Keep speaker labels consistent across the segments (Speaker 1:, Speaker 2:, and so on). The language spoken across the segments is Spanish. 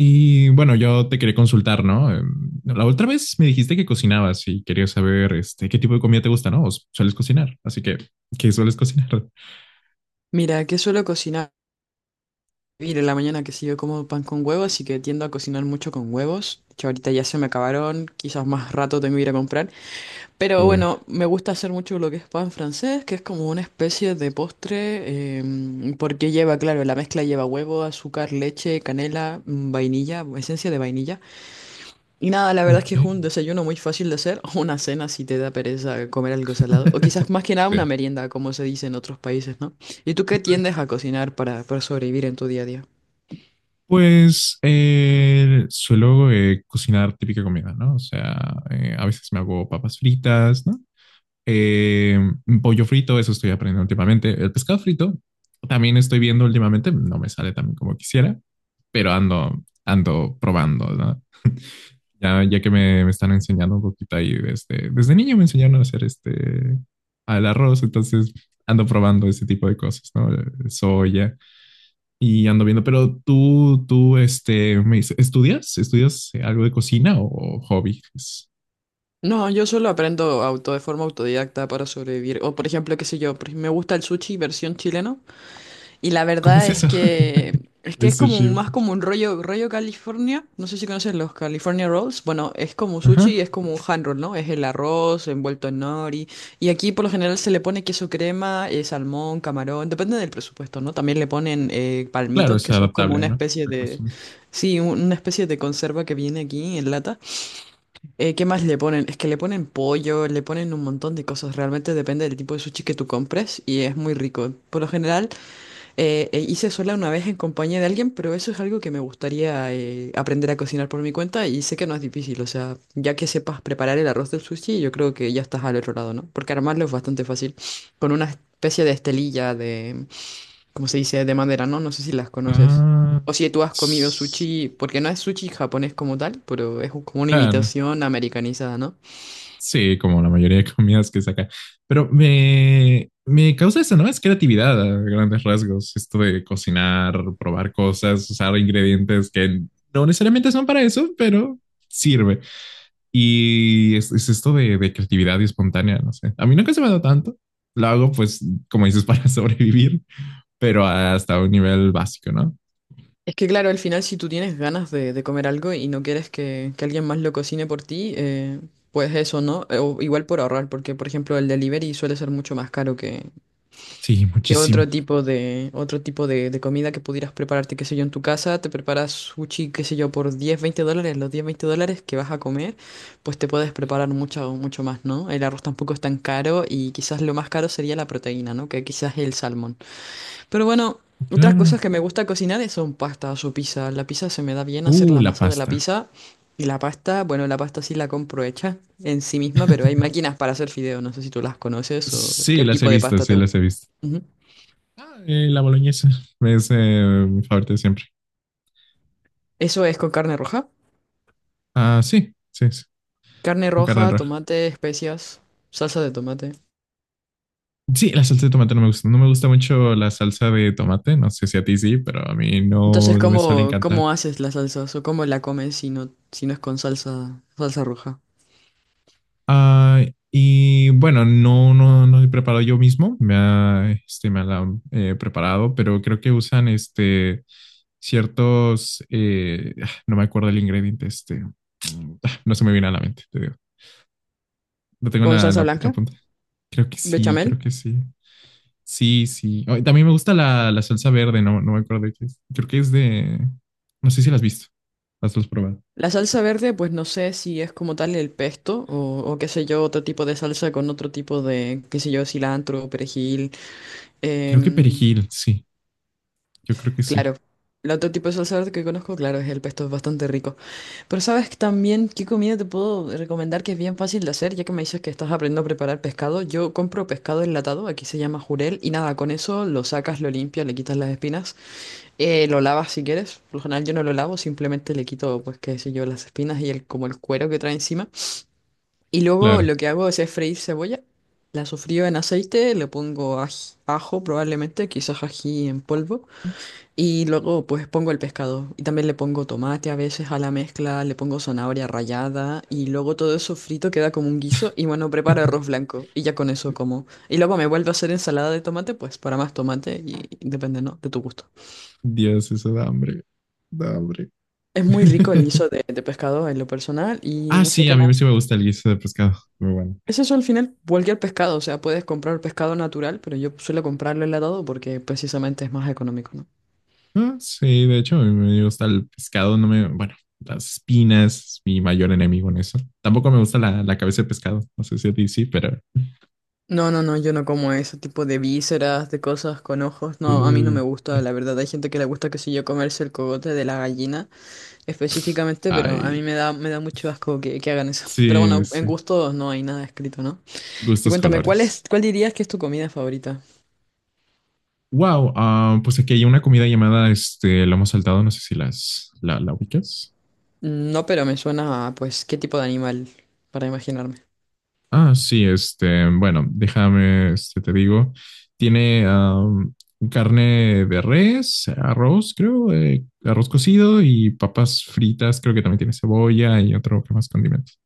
Speaker 1: Y bueno, yo te quería consultar, ¿no? La otra vez me dijiste que cocinabas y quería saber este, qué tipo de comida te gusta, ¿no? ¿Sueles cocinar? Así que, ¿qué sueles cocinar?
Speaker 2: Mira, que suelo cocinar en la mañana que sí yo como pan con huevo, así que tiendo a cocinar mucho con huevos. Que ahorita ya se me acabaron, quizás más rato tengo que ir a comprar. Pero
Speaker 1: Uy,
Speaker 2: bueno, me gusta hacer mucho lo que es pan francés, que es como una especie de postre, porque lleva, claro, la mezcla lleva huevo, azúcar, leche, canela, vainilla, esencia de vainilla. Y nada, la verdad es que es un
Speaker 1: ok.
Speaker 2: desayuno muy fácil de hacer, o una cena si te da pereza comer algo salado, o quizás más que nada una
Speaker 1: Sí.
Speaker 2: merienda, como se dice en otros países, ¿no? ¿Y tú qué tiendes a cocinar para sobrevivir en tu día a día?
Speaker 1: Pues suelo cocinar típica comida, ¿no? O sea, a veces me hago papas fritas, ¿no? Eh, un pollo frito, eso estoy aprendiendo últimamente. El pescado frito también estoy viendo últimamente, no me sale tan como quisiera, pero ando probando, ¿no? Ya que me están enseñando un poquito ahí desde niño me enseñaron a hacer este, al arroz, entonces ando probando ese tipo de cosas, ¿no? Soya y ando viendo, pero este, me dice, ¿estudias? ¿Estudias algo de cocina o hobby?
Speaker 2: No, yo solo aprendo auto de forma autodidacta para sobrevivir, o por ejemplo, qué sé yo, me gusta el sushi versión chileno. Y la
Speaker 1: ¿Cómo es
Speaker 2: verdad es
Speaker 1: eso?
Speaker 2: que es
Speaker 1: Es
Speaker 2: como
Speaker 1: sushi,
Speaker 2: más
Speaker 1: ¿verdad?
Speaker 2: como un rollo, rollo California. No sé si conoces los California Rolls. Bueno, es como sushi y es
Speaker 1: Ajá.
Speaker 2: como un hand roll, ¿no? Es el arroz envuelto en nori. Y aquí por lo general se le pone queso crema, salmón, camarón. Depende del presupuesto, ¿no? También le ponen
Speaker 1: Claro,
Speaker 2: palmitos,
Speaker 1: es
Speaker 2: que son como
Speaker 1: adaptable,
Speaker 2: una
Speaker 1: ¿no?
Speaker 2: especie
Speaker 1: La
Speaker 2: de...
Speaker 1: cocina es eso.
Speaker 2: Sí, una especie de conserva que viene aquí en lata. ¿Qué más le ponen? Es que le ponen pollo, le ponen un montón de cosas. Realmente depende del tipo de sushi que tú compres y es muy rico. Por lo general... hice sola una vez en compañía de alguien, pero eso es algo que me gustaría aprender a cocinar por mi cuenta y sé que no es difícil, o sea, ya que sepas preparar el arroz del sushi, yo creo que ya estás al otro lado, ¿no? Porque armarlo es bastante fácil, con una especie de estelilla de, ¿cómo se dice?, de madera, ¿no? No sé si las conoces.
Speaker 1: Ah,
Speaker 2: O si tú has comido
Speaker 1: s-
Speaker 2: sushi, porque no es sushi japonés como tal, pero es como una
Speaker 1: claro.
Speaker 2: imitación americanizada, ¿no?
Speaker 1: Sí, como la mayoría de comidas que saca. Pero me causa eso, ¿no? Es creatividad a grandes rasgos. Esto de cocinar, probar cosas, usar ingredientes que no necesariamente son para eso, pero sirve. Es esto de creatividad y espontánea, no sé. A mí nunca se me da tanto. Lo hago, pues, como dices, para sobrevivir, pero hasta un nivel básico, ¿no?
Speaker 2: Es que claro, al final si tú tienes ganas de comer algo y no quieres que alguien más lo cocine por ti, pues eso, ¿no? O igual por ahorrar, porque por ejemplo el delivery suele ser mucho más caro
Speaker 1: Sí,
Speaker 2: que otro
Speaker 1: muchísimo.
Speaker 2: tipo de, otro tipo de comida que pudieras prepararte, qué sé yo, en tu casa, te preparas sushi, qué sé yo, por 10 20 dólares, los 10 20 dólares que vas a comer, pues te puedes preparar mucho, mucho más, ¿no? El arroz tampoco es tan caro y quizás lo más caro sería la proteína, ¿no? Que quizás el salmón. Pero bueno, otras cosas
Speaker 1: Claro.
Speaker 2: que me gusta cocinar son pastas o pizza. La pizza se me da bien hacer la
Speaker 1: La
Speaker 2: masa de la
Speaker 1: pasta.
Speaker 2: pizza. Y la pasta, bueno, la pasta sí la compro hecha en sí misma, pero hay máquinas para hacer fideo. No sé si tú las conoces o
Speaker 1: Sí,
Speaker 2: qué tipo de pasta te
Speaker 1: sí,
Speaker 2: gusta.
Speaker 1: las he visto.
Speaker 2: Ujú.
Speaker 1: La boloñesa es mi favorita de siempre.
Speaker 2: Eso es con carne roja.
Speaker 1: Ah, sí,
Speaker 2: Carne
Speaker 1: con carne
Speaker 2: roja,
Speaker 1: roja.
Speaker 2: tomate, especias, salsa de tomate.
Speaker 1: Sí, la salsa de tomate no me gusta. No me gusta mucho la salsa de tomate. No sé si a ti sí, pero a mí no,
Speaker 2: Entonces,
Speaker 1: no me suele
Speaker 2: ¿cómo,
Speaker 1: encantar.
Speaker 2: cómo haces la salsa o cómo la comes si no, si no es con salsa, salsa roja?
Speaker 1: Ah, y bueno, no he preparado yo mismo. Este, me la han preparado, pero creo que usan este ciertos, no me acuerdo el ingrediente, este, no se me viene a la mente, te digo. No tengo
Speaker 2: ¿Con salsa blanca?
Speaker 1: la punta. Creo
Speaker 2: ¿Bechamel?
Speaker 1: que sí. Sí, sí. Oh, y también me gusta la salsa verde, no, no me acuerdo de qué es. Creo que es de... No sé si la has visto. Las has probado.
Speaker 2: La salsa verde, pues no sé si es como tal el pesto o qué sé yo, otro tipo de salsa con otro tipo de, qué sé yo, cilantro, perejil.
Speaker 1: Creo que
Speaker 2: em,
Speaker 1: perejil, sí. Yo creo que sí.
Speaker 2: claro, el otro tipo de salsa verde que conozco, claro, es el pesto, es bastante rico. Pero sabes que también qué comida te puedo recomendar que es bien fácil de hacer, ya que me dices que estás aprendiendo a preparar pescado. Yo compro pescado enlatado, aquí se llama jurel, y nada, con eso lo sacas, lo limpias, le quitas las espinas, lo lavas si quieres. Por lo general yo no lo lavo, simplemente le quito, pues qué sé yo, las espinas y el, como el cuero que trae encima. Y luego
Speaker 1: Claro.
Speaker 2: lo que hago es freír cebolla. La sofrío en aceite, le pongo ajo probablemente, quizás ají en polvo. Y luego pues pongo el pescado. Y también le pongo tomate a veces a la mezcla, le pongo zanahoria rallada. Y luego todo eso frito queda como un guiso. Y bueno, preparo arroz blanco. Y ya con eso como. Y luego me vuelvo a hacer ensalada de tomate, pues para más tomate. Y depende, ¿no? De tu gusto.
Speaker 1: Dios, eso da hambre. Da hambre.
Speaker 2: Es muy rico el guiso de pescado en lo personal. Y
Speaker 1: Ah,
Speaker 2: no sé
Speaker 1: sí,
Speaker 2: qué
Speaker 1: a mí
Speaker 2: más.
Speaker 1: sí me gusta el guiso de pescado. Muy bueno.
Speaker 2: Es eso al final, cualquier pescado, o sea, puedes comprar pescado natural, pero yo suelo comprarlo enlatado porque precisamente es más económico, ¿no?
Speaker 1: Ah, sí, de hecho, a mí me gusta el pescado. No me... Bueno, las espinas, mi mayor enemigo en eso. Tampoco me gusta la cabeza de pescado. No sé si a ti sí, pero...
Speaker 2: No, no, no, yo no como ese tipo de vísceras, de cosas con ojos, no, a mí no me
Speaker 1: uh.
Speaker 2: gusta, la verdad, hay gente que le gusta, que sé yo, comerse el cogote de la gallina específicamente, pero a mí
Speaker 1: Ay,
Speaker 2: me da mucho asco que hagan eso. Pero
Speaker 1: sí,
Speaker 2: bueno, en
Speaker 1: sí.
Speaker 2: gustos no hay nada escrito, ¿no? Y
Speaker 1: Gustos
Speaker 2: cuéntame, ¿cuál es,
Speaker 1: colores.
Speaker 2: cuál dirías que es tu comida favorita?
Speaker 1: Wow, ah, pues aquí hay una comida llamada este lomo saltado, no sé si la ubicas.
Speaker 2: No, pero me suena a, pues, qué tipo de animal, para imaginarme.
Speaker 1: Ah, sí, este, bueno, déjame, este, te digo, tiene am, carne de res, arroz, creo, arroz cocido y papas fritas, creo que también tiene cebolla y otro que más condimentos.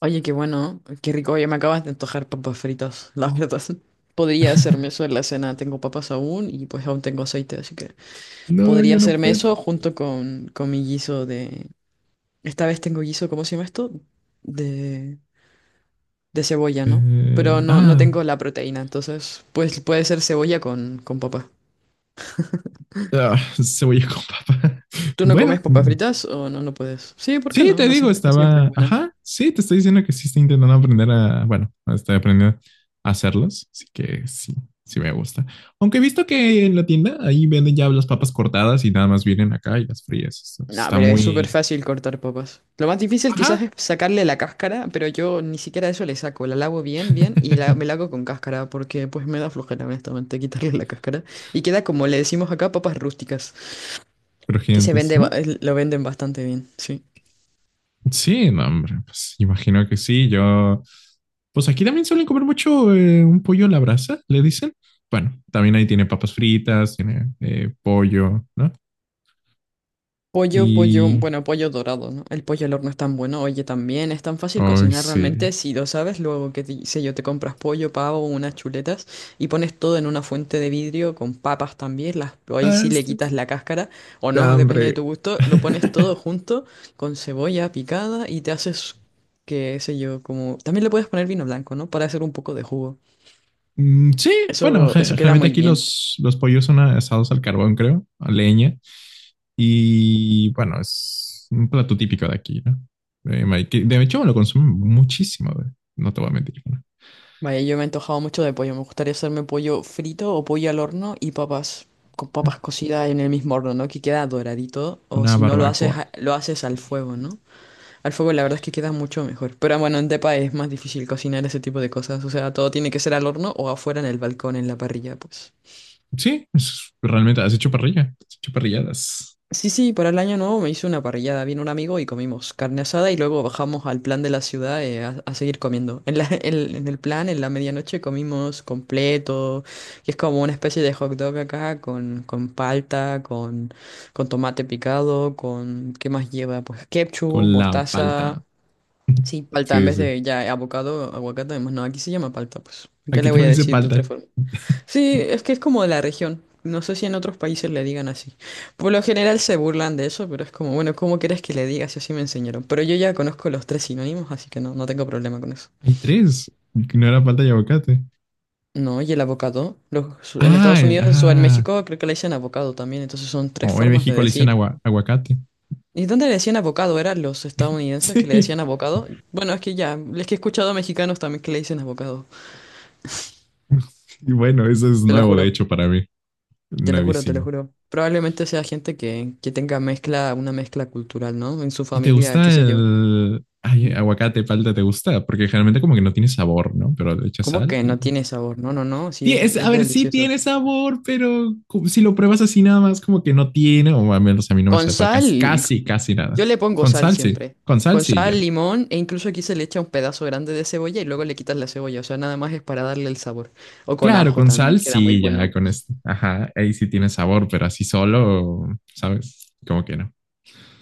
Speaker 2: Oye, qué bueno, qué rico. Ya me acabas de antojar papas fritas, la verdad. Podría hacerme eso en la cena. Tengo papas aún y pues aún tengo aceite, así que
Speaker 1: No,
Speaker 2: podría
Speaker 1: yo no
Speaker 2: hacerme
Speaker 1: puedo.
Speaker 2: eso junto con mi guiso de... Esta vez tengo guiso, ¿cómo se llama esto? De, de cebolla, ¿no?
Speaker 1: Eh,
Speaker 2: Pero no, no
Speaker 1: ah,
Speaker 2: tengo la proteína, entonces pues puede ser cebolla con papa.
Speaker 1: ah, Cebolla con papa.
Speaker 2: ¿Tú no
Speaker 1: Bueno,
Speaker 2: comes papas fritas o no, no puedes? Sí, ¿por qué
Speaker 1: sí,
Speaker 2: no?
Speaker 1: te
Speaker 2: La
Speaker 1: digo,
Speaker 2: cebolla siempre es
Speaker 1: estaba,
Speaker 2: buena.
Speaker 1: ajá, sí, te estoy diciendo que sí estoy intentando aprender a, bueno, estoy aprendiendo a hacerlos, así que sí, sí me gusta. Aunque he visto que en la tienda ahí venden ya las papas cortadas y nada más vienen acá y las frías. Esto
Speaker 2: No,
Speaker 1: Está
Speaker 2: pero es súper
Speaker 1: muy,
Speaker 2: fácil cortar papas. Lo más difícil quizás
Speaker 1: ajá,
Speaker 2: es sacarle la cáscara, pero yo ni siquiera eso le saco. La lavo bien, bien y la, me la hago con cáscara porque pues me da flojera honestamente quitarle la cáscara. Y queda como le decimos acá, papas rústicas, que se
Speaker 1: crujientes.
Speaker 2: vende,
Speaker 1: Bueno,
Speaker 2: lo venden bastante bien, sí.
Speaker 1: sí, no, hombre, pues imagino que sí. Yo, pues aquí también suelen comer mucho un pollo a la brasa, le dicen. Bueno, también ahí tiene papas fritas, tiene pollo, ¿no?
Speaker 2: Pollo, pollo,
Speaker 1: Y,
Speaker 2: bueno, pollo dorado, ¿no? El pollo al horno es tan bueno. Oye, también es tan fácil
Speaker 1: ay,
Speaker 2: cocinar realmente.
Speaker 1: sí.
Speaker 2: Si lo sabes, luego que te, sé yo, te compras pollo, pavo, unas chuletas y pones todo en una fuente de vidrio con papas también. Las, ahí sí le
Speaker 1: Pasto.
Speaker 2: quitas la cáscara o no, depende de
Speaker 1: Hambre.
Speaker 2: tu gusto. Lo pones todo junto con cebolla picada y te haces, qué sé yo, como... También le puedes poner vino blanco, ¿no? Para hacer un poco de jugo.
Speaker 1: Mm, sí, bueno,
Speaker 2: Eso, eso queda
Speaker 1: generalmente
Speaker 2: muy
Speaker 1: aquí
Speaker 2: bien.
Speaker 1: los pollos son asados al carbón, creo, a leña. Y bueno, es un plato típico de aquí, ¿no? Ma- que De hecho, lo consumen muchísimo, güey. No te voy a mentir. ¿No?
Speaker 2: Vaya, yo me he antojado mucho de pollo. Me gustaría hacerme pollo frito o pollo al horno y papas, con papas cocidas en el mismo horno, ¿no? Que queda doradito. O
Speaker 1: Una
Speaker 2: si no lo haces,
Speaker 1: barbacoa.
Speaker 2: lo haces al fuego, ¿no? Al fuego la verdad es que queda mucho mejor. Pero bueno, en Tepa es más difícil cocinar ese tipo de cosas. O sea, todo tiene que ser al horno o afuera en el balcón, en la parrilla, pues.
Speaker 1: Realmente has hecho parrilla. Has hecho parrilladas
Speaker 2: Sí, sí, para el año nuevo me hice una parrillada. Vino un amigo y comimos carne asada y luego bajamos al plan de la ciudad a seguir comiendo. En el plan, en la medianoche comimos completo, que es como una especie de hot dog acá con palta, con tomate picado, con... ¿Qué más lleva? Pues ketchup,
Speaker 1: con la
Speaker 2: mostaza.
Speaker 1: palta.
Speaker 2: Sí, palta en
Speaker 1: Sí,
Speaker 2: vez
Speaker 1: sí.
Speaker 2: de ya abocado, aguacate. No, aquí se llama palta, pues. ¿Qué
Speaker 1: Aquí
Speaker 2: le voy a
Speaker 1: también hice
Speaker 2: decir de otra
Speaker 1: palta.
Speaker 2: forma? Sí, es que es como de la región. No sé si en otros países le digan así. Por lo general se burlan de eso, pero es como, bueno, ¿cómo quieres que le diga si así me enseñaron? Pero yo ya conozco los tres sinónimos, así que no, no tengo problema con eso.
Speaker 1: Hay tres. No era palta y aguacate.
Speaker 2: No, y el avocado. Los, en
Speaker 1: Ah,
Speaker 2: Estados
Speaker 1: el-
Speaker 2: Unidos o en
Speaker 1: ah,
Speaker 2: México creo que le dicen avocado también, entonces son tres
Speaker 1: O en
Speaker 2: formas de
Speaker 1: México le dicen
Speaker 2: decir.
Speaker 1: aguacate.
Speaker 2: ¿Y dónde le decían avocado? ¿Eran los estadounidenses que le
Speaker 1: Sí.
Speaker 2: decían avocado? Bueno, es que ya, es que he escuchado a mexicanos también que le dicen avocado,
Speaker 1: Y bueno, eso es
Speaker 2: te lo
Speaker 1: nuevo, de
Speaker 2: juro.
Speaker 1: hecho, para mí.
Speaker 2: Te lo juro, te lo
Speaker 1: Nuevísimo.
Speaker 2: juro. Probablemente sea gente que tenga mezcla, una mezcla cultural, ¿no? En su
Speaker 1: ¿Y te
Speaker 2: familia, qué
Speaker 1: gusta
Speaker 2: sé yo.
Speaker 1: el ay,
Speaker 2: Ujú.
Speaker 1: aguacate, palta? ¿Te gusta? Porque generalmente como que no tiene sabor, ¿no? Pero le echas
Speaker 2: ¿Cómo
Speaker 1: sal
Speaker 2: que
Speaker 1: y...
Speaker 2: no tiene sabor? No, no, no, sí,
Speaker 1: A
Speaker 2: es
Speaker 1: ver, sí
Speaker 2: delicioso.
Speaker 1: tiene sabor, pero como- si lo pruebas así nada más, como que no tiene, o al menos a mí no me
Speaker 2: Con
Speaker 1: sepa
Speaker 2: sal,
Speaker 1: casi nada.
Speaker 2: yo le pongo
Speaker 1: Con
Speaker 2: sal
Speaker 1: sal, sí.
Speaker 2: siempre.
Speaker 1: Con sal,
Speaker 2: Con
Speaker 1: sí,
Speaker 2: sal,
Speaker 1: ya.
Speaker 2: limón, e incluso aquí se le echa un pedazo grande de cebolla y luego le quitas la cebolla. O sea, nada más es para darle el sabor. O con
Speaker 1: Claro,
Speaker 2: ajo
Speaker 1: con
Speaker 2: también
Speaker 1: sal,
Speaker 2: queda muy
Speaker 1: sí, ya,
Speaker 2: bueno.
Speaker 1: con esto. Ajá, ahí sí tiene sabor, pero así solo, ¿sabes? Como que no.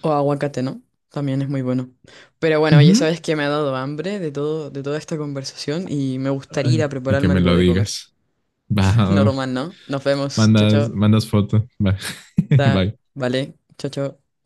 Speaker 2: O aguacate, ¿no? También es muy bueno. Pero bueno, ya sabes que me ha dado hambre de todo, de toda esta conversación y me gustaría ir a
Speaker 1: Ay, ni que
Speaker 2: prepararme
Speaker 1: me
Speaker 2: algo
Speaker 1: lo
Speaker 2: de comer.
Speaker 1: digas. Va,
Speaker 2: Normal, ¿no? Nos vemos. Chao, chao.
Speaker 1: mandas foto. Va.
Speaker 2: Ta,
Speaker 1: Bye.
Speaker 2: vale. Chao, chao.